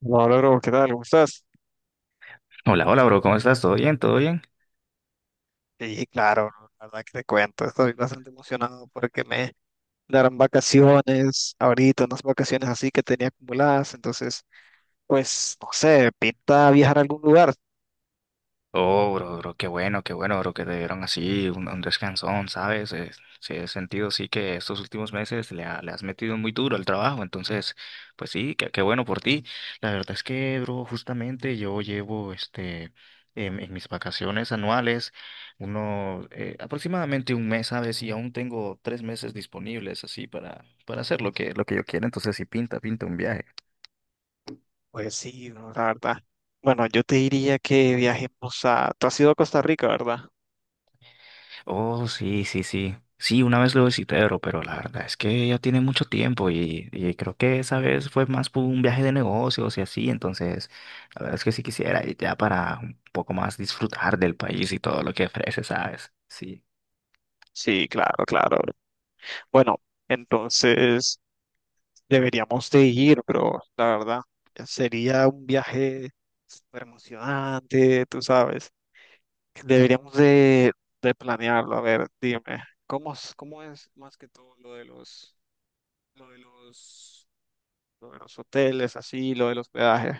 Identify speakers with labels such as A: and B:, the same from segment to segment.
A: No, logro, ¿qué tal? ¿Cómo estás?
B: Hola, hola, bro, ¿cómo estás? ¿Todo bien? ¿Todo bien?
A: Sí, claro, bro, la verdad que te cuento, estoy bastante emocionado porque me darán vacaciones ahorita, unas vacaciones así que tenía acumuladas, entonces, pues, no sé, pinta viajar a algún lugar.
B: Oh, bro, bro, qué bueno, bro, que te dieron así un descansón, ¿sabes? Sí, he sentido, sí, que estos últimos meses le has metido muy duro al trabajo, entonces, pues sí, qué bueno por ti. La verdad es que, bro, justamente yo llevo, este, en mis vacaciones anuales, aproximadamente un mes, ¿sabes? Y aún tengo 3 meses disponibles así para hacer lo que yo quiera, entonces sí, pinta un viaje.
A: Pues sí, no, la verdad. Bueno, yo te diría que viajemos a... Tú has ido a Costa Rica, ¿verdad?
B: Oh, sí, sí, sí. Sí, una vez lo visité, bro, pero la verdad es que ya tiene mucho tiempo y creo que esa vez fue más por un viaje de negocios y así, entonces la verdad es que sí quisiera ir ya para un poco más disfrutar del país y todo lo que ofrece, ¿sabes? Sí.
A: Sí, claro, claro, bro. Bueno, entonces deberíamos de ir, pero la verdad, sería un viaje súper emocionante, tú sabes. Deberíamos de planearlo. A ver, dime, ¿cómo es más que todo lo de los, lo de los, lo de los hoteles, así, lo de los peajes?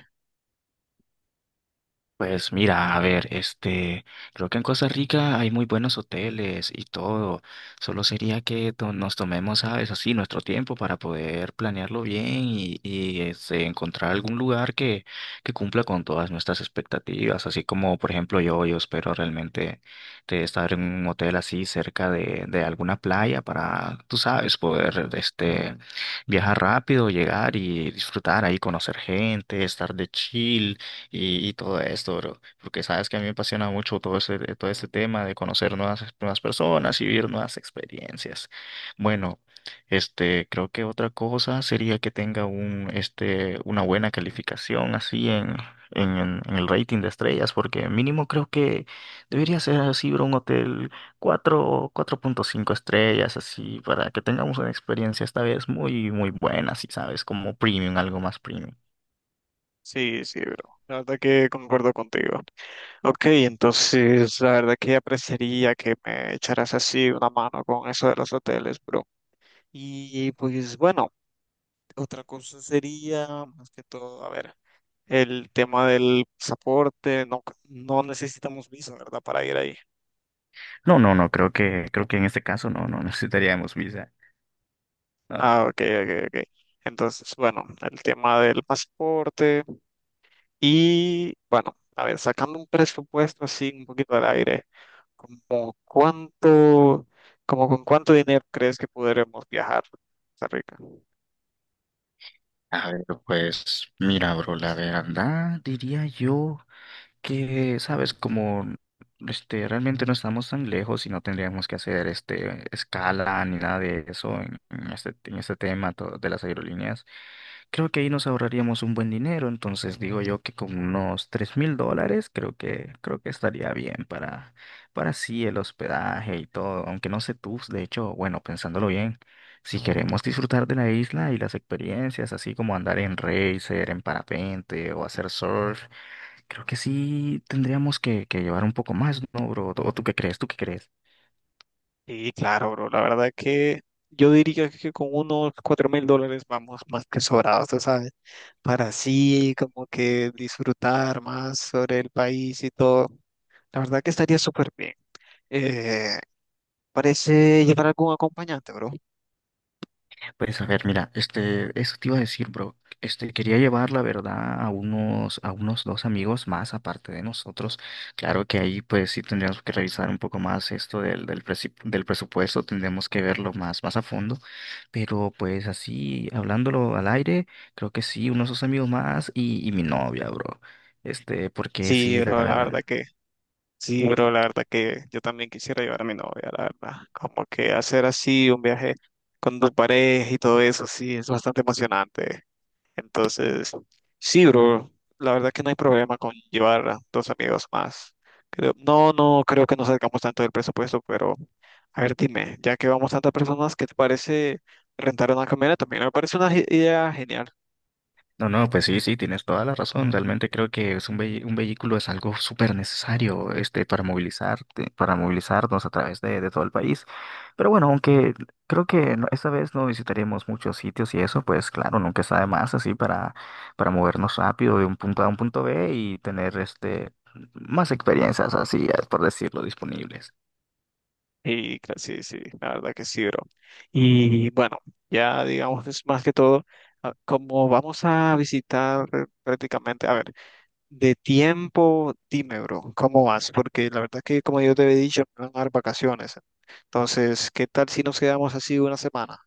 B: Pues mira, a ver, este, creo que en Costa Rica hay muy buenos hoteles y todo. Solo sería que nos tomemos, ¿sabes? Así nuestro tiempo para poder planearlo bien y este, encontrar algún lugar que cumpla con todas nuestras expectativas. Así como, por ejemplo, yo espero realmente de estar en un hotel así cerca de alguna playa para, tú sabes, poder, este, viajar rápido, llegar y disfrutar ahí, conocer gente, estar de chill y todo esto, bro. Porque sabes que a mí me apasiona mucho todo ese, todo este tema de conocer nuevas, nuevas personas y vivir nuevas experiencias. Bueno, este, creo que otra cosa sería que tenga una buena calificación así en el rating de estrellas, porque mínimo creo que debería ser así, bro, un hotel cuatro punto cinco estrellas, así, para que tengamos una experiencia esta vez muy, muy buena, si sabes, como premium, algo más premium.
A: Sí, sí, bro. La verdad que concuerdo contigo. Ok, entonces la verdad que apreciaría que me echaras así una mano con eso de los hoteles, bro. Y pues bueno, otra cosa sería, más que todo, a ver, el tema del pasaporte. No, no necesitamos visa, ¿verdad? Para ir ahí.
B: No, no, no, creo que en este caso no, no necesitaríamos visa. No,
A: Ah, ok, ok, ok. Entonces, bueno, el tema del pasaporte y, bueno, a ver, sacando un presupuesto así un poquito al aire, como cuánto, como con cuánto dinero crees que podremos viajar a Costa Rica?
B: a ver, pues mira, bro, la verdad diría yo, que, sabes, como este, realmente no estamos tan lejos y no tendríamos que hacer este, escala ni nada de eso en este tema de las aerolíneas, creo que ahí nos ahorraríamos un buen dinero. Entonces digo yo que con unos $3,000 creo que estaría bien para sí el hospedaje y todo. Aunque no sé tú, de hecho, bueno, pensándolo bien. Si queremos disfrutar de la isla y las experiencias, así como andar en racer, en parapente o hacer surf, creo que sí tendríamos que llevar un poco más, ¿no, bro? ¿O tú qué crees? ¿Tú qué crees?
A: Y claro, bro, la verdad que yo diría que con unos $4,000 vamos más que sobrados, tú ¿sabes? Para así como que disfrutar más sobre el país y todo. La verdad que estaría súper bien. Eh, Parece llevar algún acompañante, bro.
B: Pues a ver, mira, este, eso te iba a decir, bro. Este, quería llevar, la verdad, a unos dos amigos más aparte de nosotros. Claro que ahí, pues sí tendríamos que revisar un poco más esto del presupuesto, tendríamos que verlo más, más a fondo. Pero pues así, hablándolo al aire, creo que sí, unos dos amigos más y mi novia, bro. Este, porque
A: Sí,
B: sí, la
A: bro, la verdad
B: verdad.
A: que, sí, bro, la verdad que yo también quisiera llevar a mi novia, la verdad. Como que hacer así un viaje con tu pareja y todo eso, sí, es bastante emocionante. Entonces, sí, bro, la verdad que no hay problema con llevar a dos amigos más. Creo que no salgamos tanto del presupuesto, pero a ver, dime, ya que vamos tantas personas, ¿qué te parece rentar una camioneta? También me parece una idea genial.
B: No, no, pues sí, sí, tienes toda la razón. Realmente creo que es un vehículo es algo súper necesario, este, para movilizarnos a través de todo el país. Pero bueno, aunque creo que esta vez no visitaremos muchos sitios y eso, pues claro, nunca está de más así para movernos rápido de un punto A a un punto B y tener este más experiencias así, por decirlo, disponibles.
A: Sí, sí, la verdad que sí, bro. Y bueno, ya digamos es más que todo, ah, como vamos a visitar prácticamente, a ver, de tiempo, dime, bro, ¿cómo vas? Porque la verdad que como yo te había dicho, me van a dar vacaciones. Entonces, ¿qué tal si nos quedamos así una semana?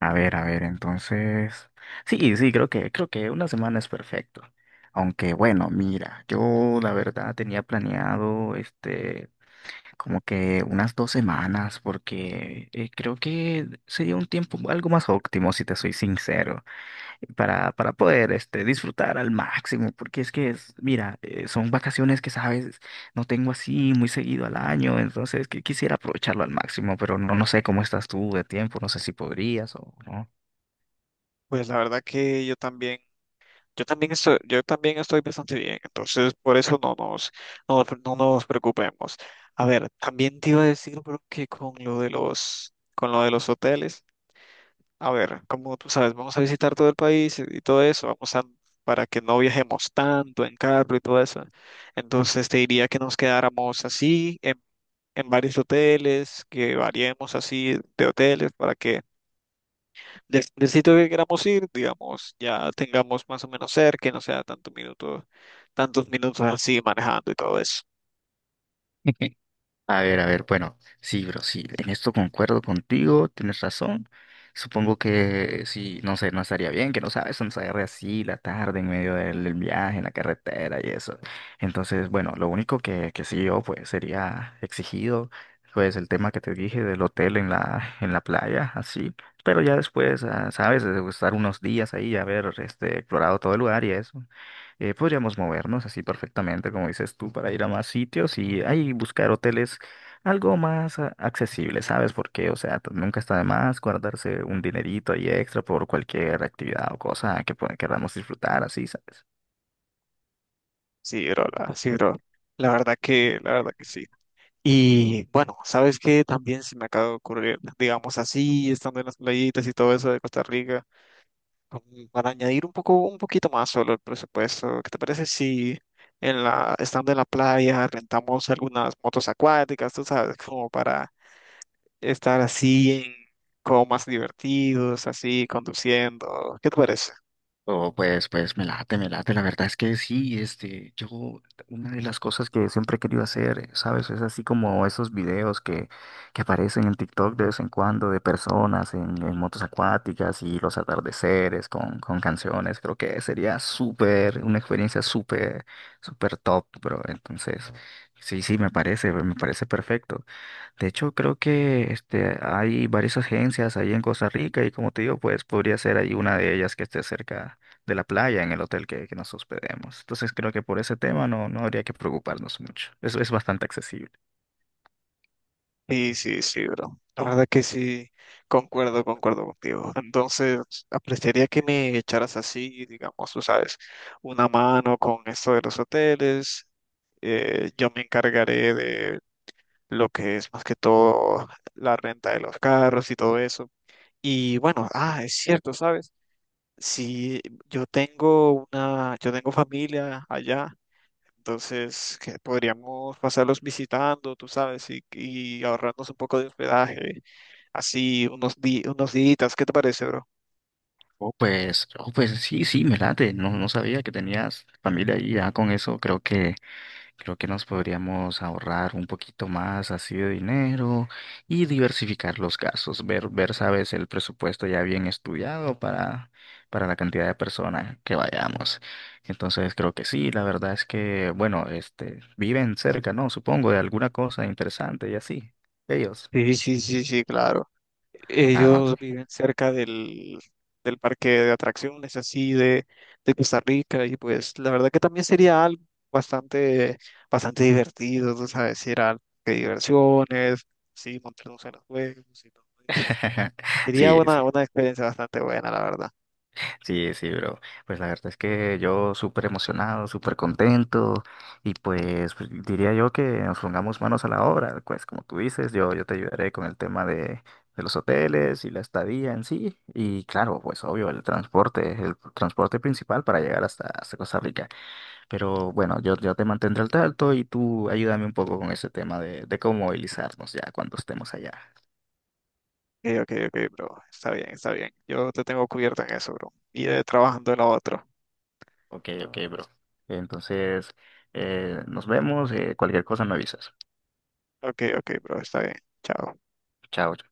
B: A ver, entonces. Sí, sí, creo que una semana es perfecto. Aunque bueno, mira, yo la verdad tenía planeado este como que unas 2 semanas, porque creo que sería un tiempo algo más óptimo, si te soy sincero, para poder este disfrutar al máximo, porque es que es, mira, son vacaciones que sabes, no tengo así muy seguido al año, entonces que quisiera aprovecharlo al máximo, pero no, no sé cómo estás tú de tiempo, no sé si podrías o no.
A: Pues la verdad que yo también. Yo también estoy bastante bien, entonces por eso no nos preocupemos. A ver, también te iba a decir, bro, que con lo de los hoteles, a ver, como tú sabes, vamos a visitar todo el país y todo eso, vamos a, para que no viajemos tanto en carro y todo eso. Entonces te diría que nos quedáramos así en varios hoteles, que variemos así de hoteles para que del el sitio que queramos ir, digamos, ya tengamos más o menos cerca, y no sea tantos minutos así manejando y todo eso.
B: A ver, bueno, sí, bro, sí, en esto concuerdo contigo, tienes razón. Supongo que sí, no sé, no estaría bien que no sabes, nos agarre así la tarde en medio del viaje, en la carretera y eso. Entonces, bueno, lo único que sí yo pues sería exigido, pues el tema que te dije del hotel en la playa, así. Pero ya después, ah, sabes, de estar unos días ahí, haber este, explorado todo el lugar y eso, podríamos movernos así perfectamente, como dices tú, para ir a más sitios y ahí buscar hoteles algo más accesible, ¿sabes? Porque, o sea, nunca está de más guardarse un dinerito ahí extra por cualquier actividad o cosa que queramos disfrutar, así, ¿sabes?
A: Sí, bro. La verdad que sí. Y bueno, ¿sabes qué? También se me acaba de ocurrir, digamos así, estando en las playitas y todo eso de Costa Rica, para añadir un poquito más solo el presupuesto. ¿Qué te parece si en la, estando en la playa rentamos algunas motos acuáticas, tú sabes, como para estar así, como más divertidos, así, conduciendo? ¿Qué te parece?
B: Oh, pues me late, me late. La verdad es que sí, este, yo, una de las cosas que siempre he querido hacer, ¿sabes? Es así como esos videos que aparecen en TikTok de vez en cuando de personas en motos acuáticas y los atardeceres con canciones. Creo que sería súper, una experiencia súper, súper top, bro. Entonces, sí, sí, me parece perfecto. De hecho, creo que este, hay varias agencias ahí en Costa Rica y como te digo, pues podría ser ahí una de ellas que esté cerca de la playa en el hotel que nos hospedemos. Entonces creo que por ese tema no, no habría que preocuparnos mucho. Eso es bastante accesible.
A: Sí, sí, sí, bro. La verdad que sí, concuerdo contigo. Entonces, apreciaría que me echaras así, digamos, tú sabes, una mano con esto de los hoteles. Yo me encargaré de lo que es más que todo la renta de los carros y todo eso. Y bueno, ah, es cierto, ¿sabes? Si yo tengo una, yo tengo familia allá. Entonces, que podríamos pasarlos visitando, tú sabes, y ahorrarnos un poco de hospedaje, así unos días. ¿Qué te parece, bro?
B: Oh, pues sí, sí, me late. No, no sabía que tenías familia ahí ya con eso. Creo que nos podríamos ahorrar un poquito más así de dinero y diversificar los gastos, ver, sabes, el presupuesto ya bien estudiado para la cantidad de personas que vayamos. Entonces creo que sí, la verdad es que, bueno, este, viven cerca, ¿no? Supongo, de alguna cosa interesante y así. Ellos.
A: Sí, sí, sí, sí, claro.
B: Ah,
A: Ellos
B: ok.
A: viven cerca del, del parque de atracciones, así de Costa Rica, y pues la verdad que también sería algo bastante, bastante divertido, tú sabes, ir a de diversiones, sí, montarnos en los juegos y todo eso. Sería
B: Sí, sí.
A: una experiencia bastante buena, la verdad.
B: Sí, sí, bro. Pues la verdad es que yo súper emocionado, súper contento y pues, diría yo que nos pongamos manos a la obra. Pues como tú dices, yo te ayudaré con el tema de los hoteles y la estadía en sí. Y claro, pues obvio, el transporte principal para llegar hasta, hasta Costa Rica. Pero bueno, yo te mantendré al tanto y tú ayúdame un poco con ese tema de cómo movilizarnos ya cuando estemos allá.
A: Ok, ok, ok, bro, está bien, está bien. Yo te tengo cubierto en eso, bro. Y trabajando en lo otro.
B: Ok, ok, bro. Entonces, nos vemos, cualquier cosa me avisas.
A: Ok, ok, bro, está bien. Chao.
B: Chao.